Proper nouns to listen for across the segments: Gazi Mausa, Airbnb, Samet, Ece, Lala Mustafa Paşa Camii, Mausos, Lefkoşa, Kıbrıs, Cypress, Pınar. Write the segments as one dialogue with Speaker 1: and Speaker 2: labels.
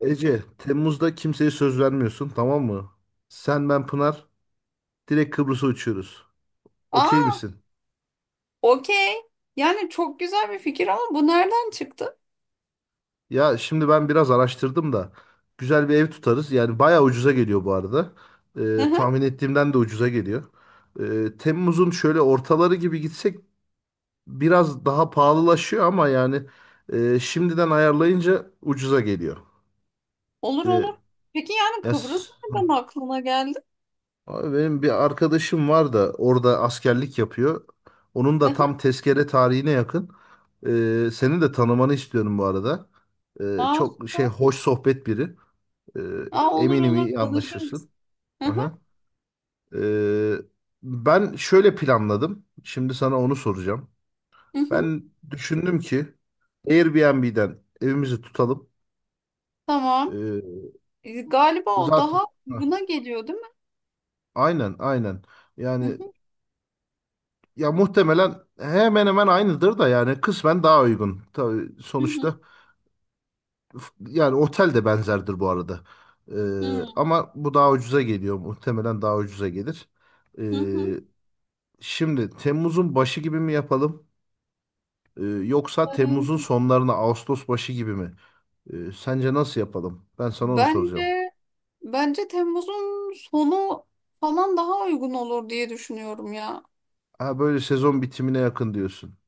Speaker 1: Ece, Temmuz'da kimseye söz vermiyorsun, tamam mı? Sen, ben, Pınar direkt Kıbrıs'a uçuyoruz. Okey
Speaker 2: Aa,
Speaker 1: misin?
Speaker 2: okey. Yani çok güzel bir fikir ama bu nereden çıktı?
Speaker 1: Ya şimdi ben biraz araştırdım da güzel bir ev tutarız. Yani bayağı ucuza geliyor bu arada.
Speaker 2: Hı hı.
Speaker 1: Tahmin ettiğimden de ucuza geliyor. Temmuz'un şöyle ortaları gibi gitsek biraz daha pahalılaşıyor ama yani şimdiden ayarlayınca ucuza geliyor.
Speaker 2: Olur
Speaker 1: Ee,
Speaker 2: olur. Peki yani Kıbrıs
Speaker 1: yes.
Speaker 2: nereden aklına geldi?
Speaker 1: Abi benim bir arkadaşım var da orada askerlik yapıyor. Onun
Speaker 2: Hı
Speaker 1: da
Speaker 2: hı.
Speaker 1: tam tezkere tarihine yakın. Seni de tanımanı istiyorum bu arada.
Speaker 2: Aa,
Speaker 1: Çok şey,
Speaker 2: süper.
Speaker 1: hoş sohbet biri. Ee,
Speaker 2: Aa, olur
Speaker 1: Eminim
Speaker 2: olur
Speaker 1: iyi
Speaker 2: tanışırız.
Speaker 1: anlaşırsın.
Speaker 2: Hı hı,
Speaker 1: Aha. Ee, Ben şöyle planladım. Şimdi sana onu soracağım.
Speaker 2: hı hı.
Speaker 1: Ben düşündüm ki Airbnb'den evimizi tutalım.
Speaker 2: Tamam.
Speaker 1: Ee,
Speaker 2: Galiba o
Speaker 1: zaten
Speaker 2: daha
Speaker 1: Hah,
Speaker 2: uyguna geliyor, değil mi?
Speaker 1: aynen aynen.
Speaker 2: Hı
Speaker 1: Yani
Speaker 2: hı,
Speaker 1: ya muhtemelen hemen hemen aynıdır da yani kısmen daha uygun. Tabii
Speaker 2: hı hı,
Speaker 1: sonuçta yani otel de benzerdir bu arada. Ama bu daha ucuza geliyor. Muhtemelen daha ucuza gelir.
Speaker 2: hı hı, hı.
Speaker 1: Ee, Şimdi Temmuz'un başı gibi mi yapalım? Yoksa Temmuz'un
Speaker 2: Ee,
Speaker 1: sonlarına Ağustos başı gibi mi? Sence nasıl yapalım? Ben sana onu soracağım.
Speaker 2: Bence bence Temmuz'un sonu falan daha uygun olur diye düşünüyorum ya.
Speaker 1: Ha, böyle sezon bitimine yakın diyorsun.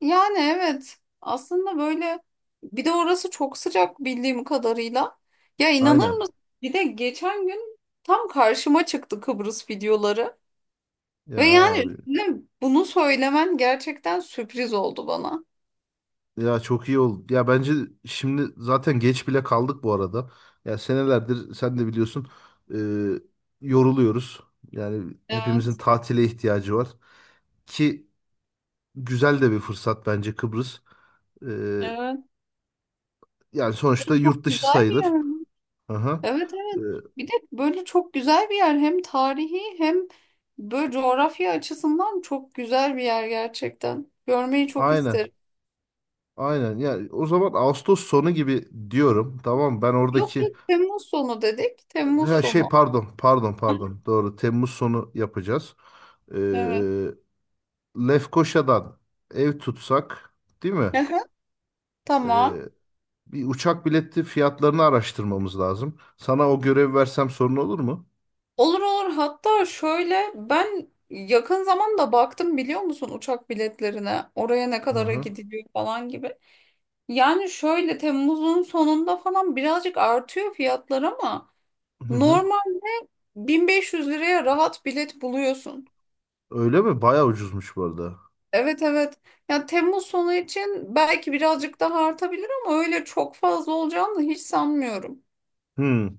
Speaker 2: Yani evet, aslında böyle bir de orası çok sıcak bildiğim kadarıyla. Ya, inanır
Speaker 1: Aynen.
Speaker 2: mısın? Bir de geçen gün tam karşıma çıktı Kıbrıs videoları. Ve
Speaker 1: Ya
Speaker 2: yani
Speaker 1: abi.
Speaker 2: üstüne bunu söylemen gerçekten sürpriz oldu bana.
Speaker 1: Ya çok iyi oldu. Ya bence şimdi zaten geç bile kaldık bu arada. Ya senelerdir sen de biliyorsun, e, yoruluyoruz. Yani hepimizin
Speaker 2: Evet,
Speaker 1: tatile ihtiyacı var. Ki güzel de bir fırsat bence Kıbrıs. E,
Speaker 2: evet.
Speaker 1: Yani sonuçta yurt
Speaker 2: Çok
Speaker 1: dışı
Speaker 2: güzel bir
Speaker 1: sayılır.
Speaker 2: yer.
Speaker 1: Aha.
Speaker 2: Evet,
Speaker 1: E,
Speaker 2: evet. Bir de böyle çok güzel bir yer. Hem tarihi hem böyle coğrafya açısından çok güzel bir yer gerçekten. Görmeyi çok
Speaker 1: aynen.
Speaker 2: isterim.
Speaker 1: Aynen. Ya o zaman Ağustos sonu gibi diyorum. Tamam, ben
Speaker 2: Yok
Speaker 1: oradaki
Speaker 2: yok, Temmuz sonu dedik. Temmuz
Speaker 1: ha, şey,
Speaker 2: sonu.
Speaker 1: pardon pardon pardon, doğru Temmuz sonu yapacağız. E,
Speaker 2: Evet.
Speaker 1: Lefkoşa'dan ev tutsak, değil mi?
Speaker 2: Aha, tamam.
Speaker 1: Ee, Bir uçak bileti fiyatlarını araştırmamız lazım. Sana o görev versem sorun olur mu?
Speaker 2: Olur olur. Hatta şöyle, ben yakın zamanda baktım, biliyor musun, uçak biletlerine. Oraya ne
Speaker 1: Hı
Speaker 2: kadara
Speaker 1: hı.
Speaker 2: gidiliyor falan gibi. Yani şöyle Temmuz'un sonunda falan birazcık artıyor fiyatlar ama
Speaker 1: Hı hı.
Speaker 2: normal 1500 liraya rahat bilet buluyorsun.
Speaker 1: Öyle mi? Bayağı ucuzmuş bu arada.
Speaker 2: Evet evet. Ya Temmuz sonu için belki birazcık daha artabilir ama öyle çok fazla olacağını hiç sanmıyorum.
Speaker 1: Hmm.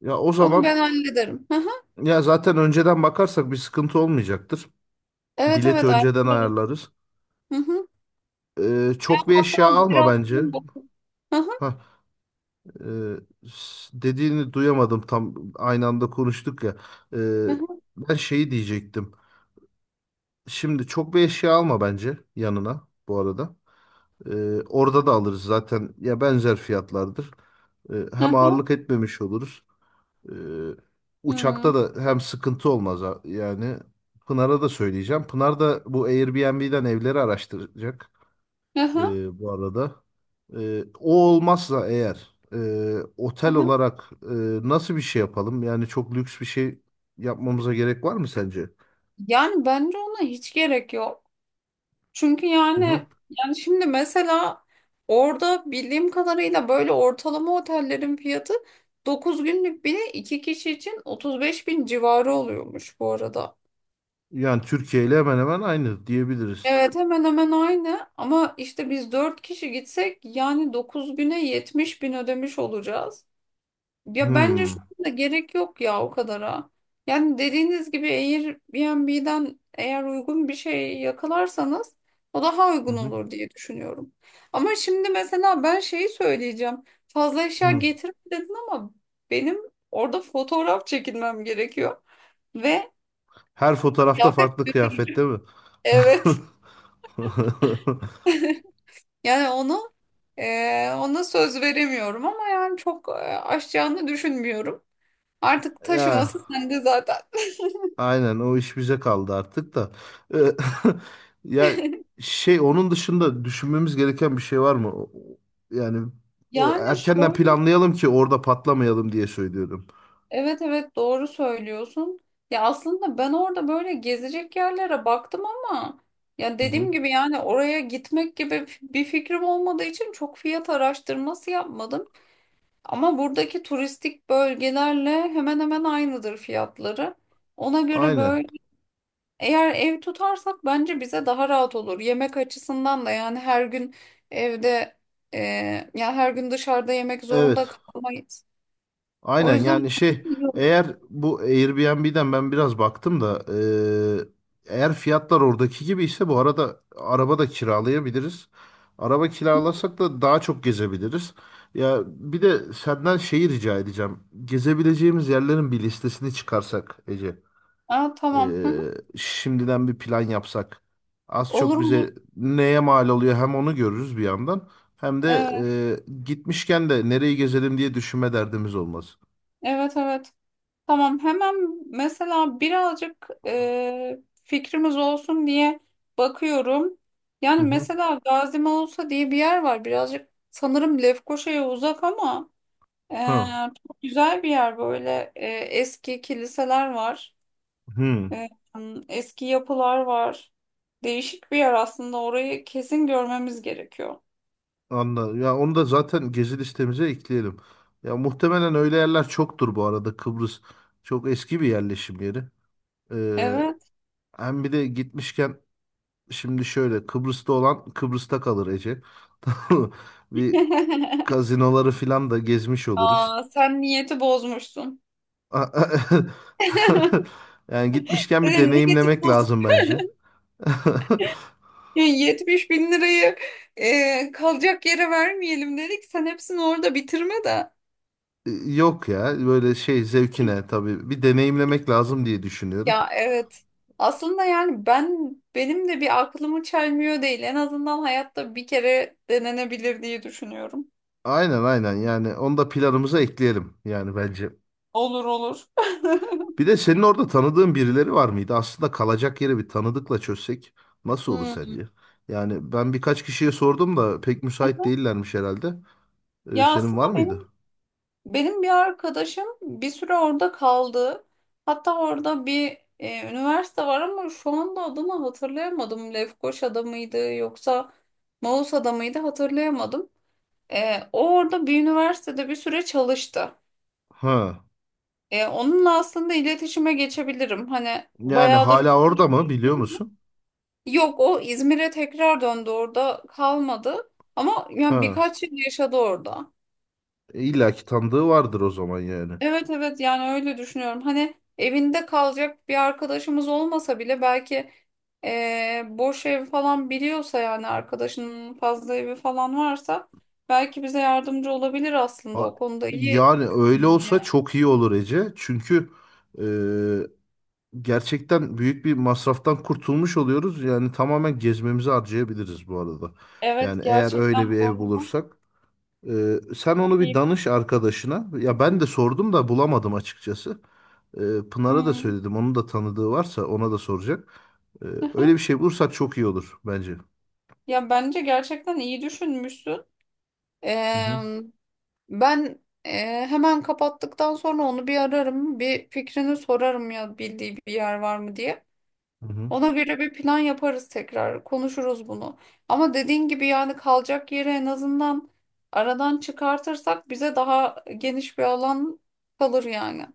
Speaker 1: Ya o
Speaker 2: Onu
Speaker 1: zaman
Speaker 2: ben hallederim. Hı hı.
Speaker 1: ya zaten önceden bakarsak bir sıkıntı olmayacaktır.
Speaker 2: Evet
Speaker 1: Bileti
Speaker 2: evet.
Speaker 1: önceden
Speaker 2: Ayarlarım.
Speaker 1: ayarlarız.
Speaker 2: Hı hı.
Speaker 1: Çok bir eşya
Speaker 2: Hatta
Speaker 1: alma
Speaker 2: biraz.
Speaker 1: bence.
Speaker 2: Aha,
Speaker 1: Hah, e, dediğini duyamadım, tam aynı anda konuştuk ya. Ee,
Speaker 2: aha,
Speaker 1: Ben şeyi diyecektim. Şimdi çok bir eşya alma bence yanına bu arada. Orada da alırız zaten ya, benzer fiyatlardır. Hem
Speaker 2: aha,
Speaker 1: ağırlık etmemiş oluruz. Ee, Uçakta
Speaker 2: hmm,
Speaker 1: da hem sıkıntı olmaz ha- yani. Pınar'a da söyleyeceğim. Pınar da bu Airbnb'den evleri araştıracak
Speaker 2: aha,
Speaker 1: bu arada. O olmazsa eğer otel
Speaker 2: aha.
Speaker 1: olarak nasıl bir şey yapalım? Yani çok lüks bir şey yapmamıza gerek var mı sence?
Speaker 2: Yani bence ona hiç gerek yok. Çünkü
Speaker 1: Hı
Speaker 2: yani
Speaker 1: hı.
Speaker 2: şimdi mesela orada bildiğim kadarıyla böyle ortalama otellerin fiyatı 9 günlük bile 2 kişi için 35.000 civarı oluyormuş bu arada.
Speaker 1: Yani Türkiye ile hemen hemen aynı diyebiliriz.
Speaker 2: Evet hemen hemen aynı ama işte biz 4 kişi gitsek yani 9 güne 70.000 ödemiş olacağız. Ya bence şu
Speaker 1: Hmm.
Speaker 2: anda gerek yok ya, o kadara. Yani dediğiniz gibi Airbnb'den eğer uygun bir şey yakalarsanız o daha
Speaker 1: Hı
Speaker 2: uygun
Speaker 1: hı.
Speaker 2: olur diye düşünüyorum. Ama şimdi mesela ben şeyi söyleyeceğim. Fazla eşya
Speaker 1: Hı.
Speaker 2: getirme dedin ama benim orada fotoğraf çekilmem gerekiyor. Ve
Speaker 1: Her fotoğrafta
Speaker 2: kıyafet
Speaker 1: farklı kıyafette
Speaker 2: götüreceğim.
Speaker 1: mi?
Speaker 2: Evet. Yani onu ona söz veremiyorum ama yani çok aşacağını düşünmüyorum. Artık
Speaker 1: Ya
Speaker 2: taşıması sende zaten.
Speaker 1: aynen o iş bize kaldı artık da. Ee, Ya şey, onun dışında düşünmemiz gereken bir şey var mı? Yani o,
Speaker 2: Yani
Speaker 1: erkenden
Speaker 2: şöyle
Speaker 1: planlayalım ki orada patlamayalım diye söylüyorum.
Speaker 2: Evet evet, doğru söylüyorsun. Ya aslında ben orada böyle gezecek yerlere baktım ama ya
Speaker 1: Hı hı.
Speaker 2: dediğim gibi yani oraya gitmek gibi bir fikrim olmadığı için çok fiyat araştırması yapmadım. Ama buradaki turistik bölgelerle hemen hemen aynıdır fiyatları. Ona göre
Speaker 1: Aynen.
Speaker 2: böyle eğer ev tutarsak bence bize daha rahat olur. Yemek açısından da yani her gün evde e, ya her gün dışarıda yemek zorunda
Speaker 1: Evet.
Speaker 2: kalmayız. O
Speaker 1: Aynen yani
Speaker 2: yüzden
Speaker 1: şey,
Speaker 2: iyi olur.
Speaker 1: eğer bu Airbnb'den ben biraz baktım da eğer fiyatlar oradaki gibi ise bu arada araba da kiralayabiliriz. Araba kiralasak da daha çok gezebiliriz. Ya bir de senden şeyi rica edeceğim. Gezebileceğimiz yerlerin bir listesini çıkarsak Ece.
Speaker 2: Aa,
Speaker 1: e,
Speaker 2: tamam. Hı.
Speaker 1: Şimdiden bir plan yapsak. Az
Speaker 2: Olur
Speaker 1: çok
Speaker 2: olur.
Speaker 1: bize neye mal oluyor hem onu görürüz bir yandan. Hem de
Speaker 2: Evet,
Speaker 1: gitmişken de nereyi gezelim diye düşünme derdimiz olmaz.
Speaker 2: evet, evet. Tamam, hemen mesela birazcık fikrimiz olsun diye bakıyorum.
Speaker 1: Hı
Speaker 2: Yani
Speaker 1: hı.
Speaker 2: mesela Gazi Mausa diye bir yer var. Birazcık sanırım Lefkoşa'ya uzak ama e,
Speaker 1: Ha,
Speaker 2: çok güzel bir yer böyle. Eski kiliseler var.
Speaker 1: hı,
Speaker 2: E, Eski yapılar var. Değişik bir yer aslında. Orayı kesin görmemiz gerekiyor.
Speaker 1: anladım. Ya onu da zaten gezi listemize ekleyelim. Ya muhtemelen öyle yerler çoktur bu arada. Kıbrıs çok eski bir yerleşim yeri. Ee,
Speaker 2: Evet.
Speaker 1: Hem bir de gitmişken, şimdi şöyle, Kıbrıs'ta olan Kıbrıs'ta kalır Ece. Tamam mı? Bir kazinoları filan da gezmiş oluruz.
Speaker 2: Aa, sen niyeti bozmuşsun.
Speaker 1: Yani gitmişken
Speaker 2: E,
Speaker 1: bir
Speaker 2: Niyetim
Speaker 1: deneyimlemek
Speaker 2: bozuk.
Speaker 1: lazım bence.
Speaker 2: 70 bin lirayı kalacak yere vermeyelim dedik. Sen hepsini orada bitirme de.
Speaker 1: Yok ya böyle şey zevkine tabii bir deneyimlemek lazım diye düşünüyorum.
Speaker 2: Ya evet. Aslında yani benim de bir aklımı çelmiyor değil. En azından hayatta bir kere denenebilir diye düşünüyorum.
Speaker 1: Aynen aynen, yani onu da planımıza ekleyelim yani bence.
Speaker 2: Olur olur.
Speaker 1: Bir de senin orada tanıdığın birileri var mıydı? Aslında kalacak yeri bir tanıdıkla çözsek nasıl olur
Speaker 2: Hmm.
Speaker 1: sence? Yani ben birkaç kişiye sordum da pek müsait değillermiş herhalde.
Speaker 2: Ya
Speaker 1: Senin var
Speaker 2: aslında
Speaker 1: mıydı?
Speaker 2: benim Benim bir arkadaşım bir süre orada kaldı. Hatta orada bir üniversite var ama şu anda adını hatırlayamadım. Lefkoşa'da mıydı yoksa Mausa'da mıydı hatırlayamadım. O orada bir üniversitede bir süre çalıştı.
Speaker 1: Ha.
Speaker 2: Onunla aslında iletişime geçebilirim. Hani
Speaker 1: Yani
Speaker 2: bayağıdır
Speaker 1: hala orada mı biliyor
Speaker 2: konuşmuyoruz.
Speaker 1: musun?
Speaker 2: Yok, o İzmir'e tekrar döndü, orada kalmadı. Ama yani
Speaker 1: Ha.
Speaker 2: birkaç yıl yaşadı orada.
Speaker 1: E, İlla ki tanıdığı vardır o zaman yani.
Speaker 2: Evet evet yani öyle düşünüyorum. Hani evinde kalacak bir arkadaşımız olmasa bile belki boş ev falan biliyorsa yani arkadaşının fazla evi falan varsa belki bize yardımcı olabilir, aslında
Speaker 1: Ha,
Speaker 2: o konuda iyi
Speaker 1: yani öyle
Speaker 2: düşünüyor.
Speaker 1: olsa çok iyi olur Ece. Çünkü e, gerçekten büyük bir masraftan kurtulmuş oluyoruz. Yani tamamen gezmemizi harcayabiliriz bu arada.
Speaker 2: Evet
Speaker 1: Yani eğer öyle
Speaker 2: gerçekten
Speaker 1: bir
Speaker 2: bu
Speaker 1: ev
Speaker 2: arada
Speaker 1: bulursak. Sen onu
Speaker 2: çok
Speaker 1: bir
Speaker 2: iyi.
Speaker 1: danış arkadaşına. Ya ben de sordum da bulamadım açıkçası. Pınar'a da
Speaker 2: Hmm.
Speaker 1: söyledim. Onun da tanıdığı varsa ona da soracak. Ee, Öyle bir şey bulursak çok iyi olur bence.
Speaker 2: Ya bence gerçekten iyi düşünmüşsün.
Speaker 1: Hı hı,
Speaker 2: Eee, ben hemen kapattıktan sonra onu bir ararım, bir fikrini sorarım ya bildiği bir yer var mı diye.
Speaker 1: hı hı.
Speaker 2: Ona göre bir plan yaparız tekrar. Konuşuruz bunu. Ama dediğin gibi yani kalacak yeri en azından aradan çıkartırsak bize daha geniş bir alan kalır yani.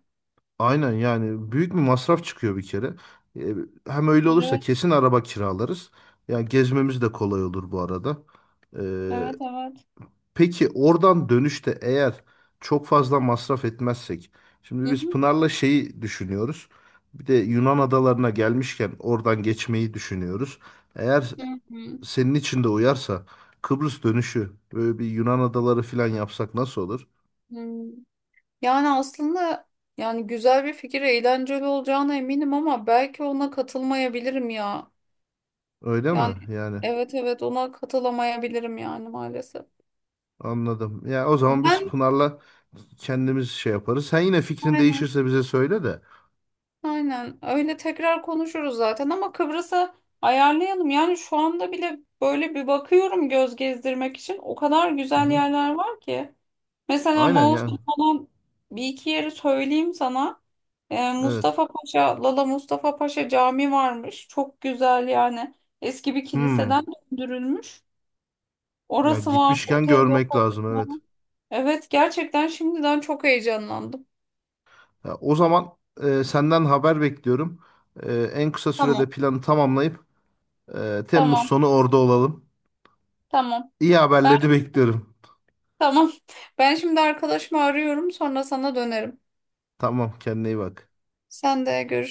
Speaker 1: Aynen yani büyük bir masraf çıkıyor bir kere. Ee, Hem öyle olursa
Speaker 2: Evet,
Speaker 1: kesin araba kiralarız. Yani gezmemiz de kolay olur bu arada. Ee,
Speaker 2: evet, evet.
Speaker 1: Peki oradan dönüşte eğer çok fazla masraf etmezsek, şimdi
Speaker 2: Hı
Speaker 1: biz
Speaker 2: hı.
Speaker 1: Pınar'la şeyi düşünüyoruz. Bir de Yunan adalarına gelmişken oradan geçmeyi düşünüyoruz. Eğer
Speaker 2: Hı hı.
Speaker 1: senin için de uyarsa Kıbrıs dönüşü böyle bir Yunan adaları falan yapsak nasıl olur?
Speaker 2: Hı. Yani aslında yani güzel bir fikir, eğlenceli olacağına eminim ama belki ona katılmayabilirim ya.
Speaker 1: Öyle
Speaker 2: Yani
Speaker 1: mi? Yani
Speaker 2: evet evet, ona katılamayabilirim yani maalesef.
Speaker 1: anladım. Ya o zaman biz
Speaker 2: Ben
Speaker 1: Pınar'la kendimiz şey yaparız. Sen yine fikrin
Speaker 2: aynen.
Speaker 1: değişirse bize söyle de.
Speaker 2: Aynen öyle, tekrar konuşuruz zaten ama Kıbrıs'a ayarlayalım. Yani şu anda bile böyle bir bakıyorum göz gezdirmek için. O kadar
Speaker 1: Hı
Speaker 2: güzel
Speaker 1: hı.
Speaker 2: yerler var ki. Mesela
Speaker 1: Aynen
Speaker 2: Mausos
Speaker 1: yani.
Speaker 2: falan, bir iki yeri söyleyeyim sana.
Speaker 1: Evet.
Speaker 2: Mustafa Paşa, Lala Mustafa Paşa Camii varmış. Çok güzel yani. Eski bir
Speaker 1: Hmm.
Speaker 2: kiliseden döndürülmüş.
Speaker 1: Ya
Speaker 2: Orası var.
Speaker 1: gitmişken
Speaker 2: Otel
Speaker 1: görmek
Speaker 2: lokasyonu
Speaker 1: lazım, evet.
Speaker 2: var. Evet gerçekten şimdiden çok heyecanlandım.
Speaker 1: Ya, o zaman senden haber bekliyorum. En kısa sürede
Speaker 2: Tamam.
Speaker 1: planı tamamlayıp Temmuz
Speaker 2: Tamam.
Speaker 1: sonu orada olalım.
Speaker 2: Tamam.
Speaker 1: İyi haberleri bekliyorum.
Speaker 2: Tamam. Ben şimdi arkadaşımı arıyorum, sonra sana dönerim.
Speaker 1: Tamam, kendine iyi bak.
Speaker 2: Sen de görüş.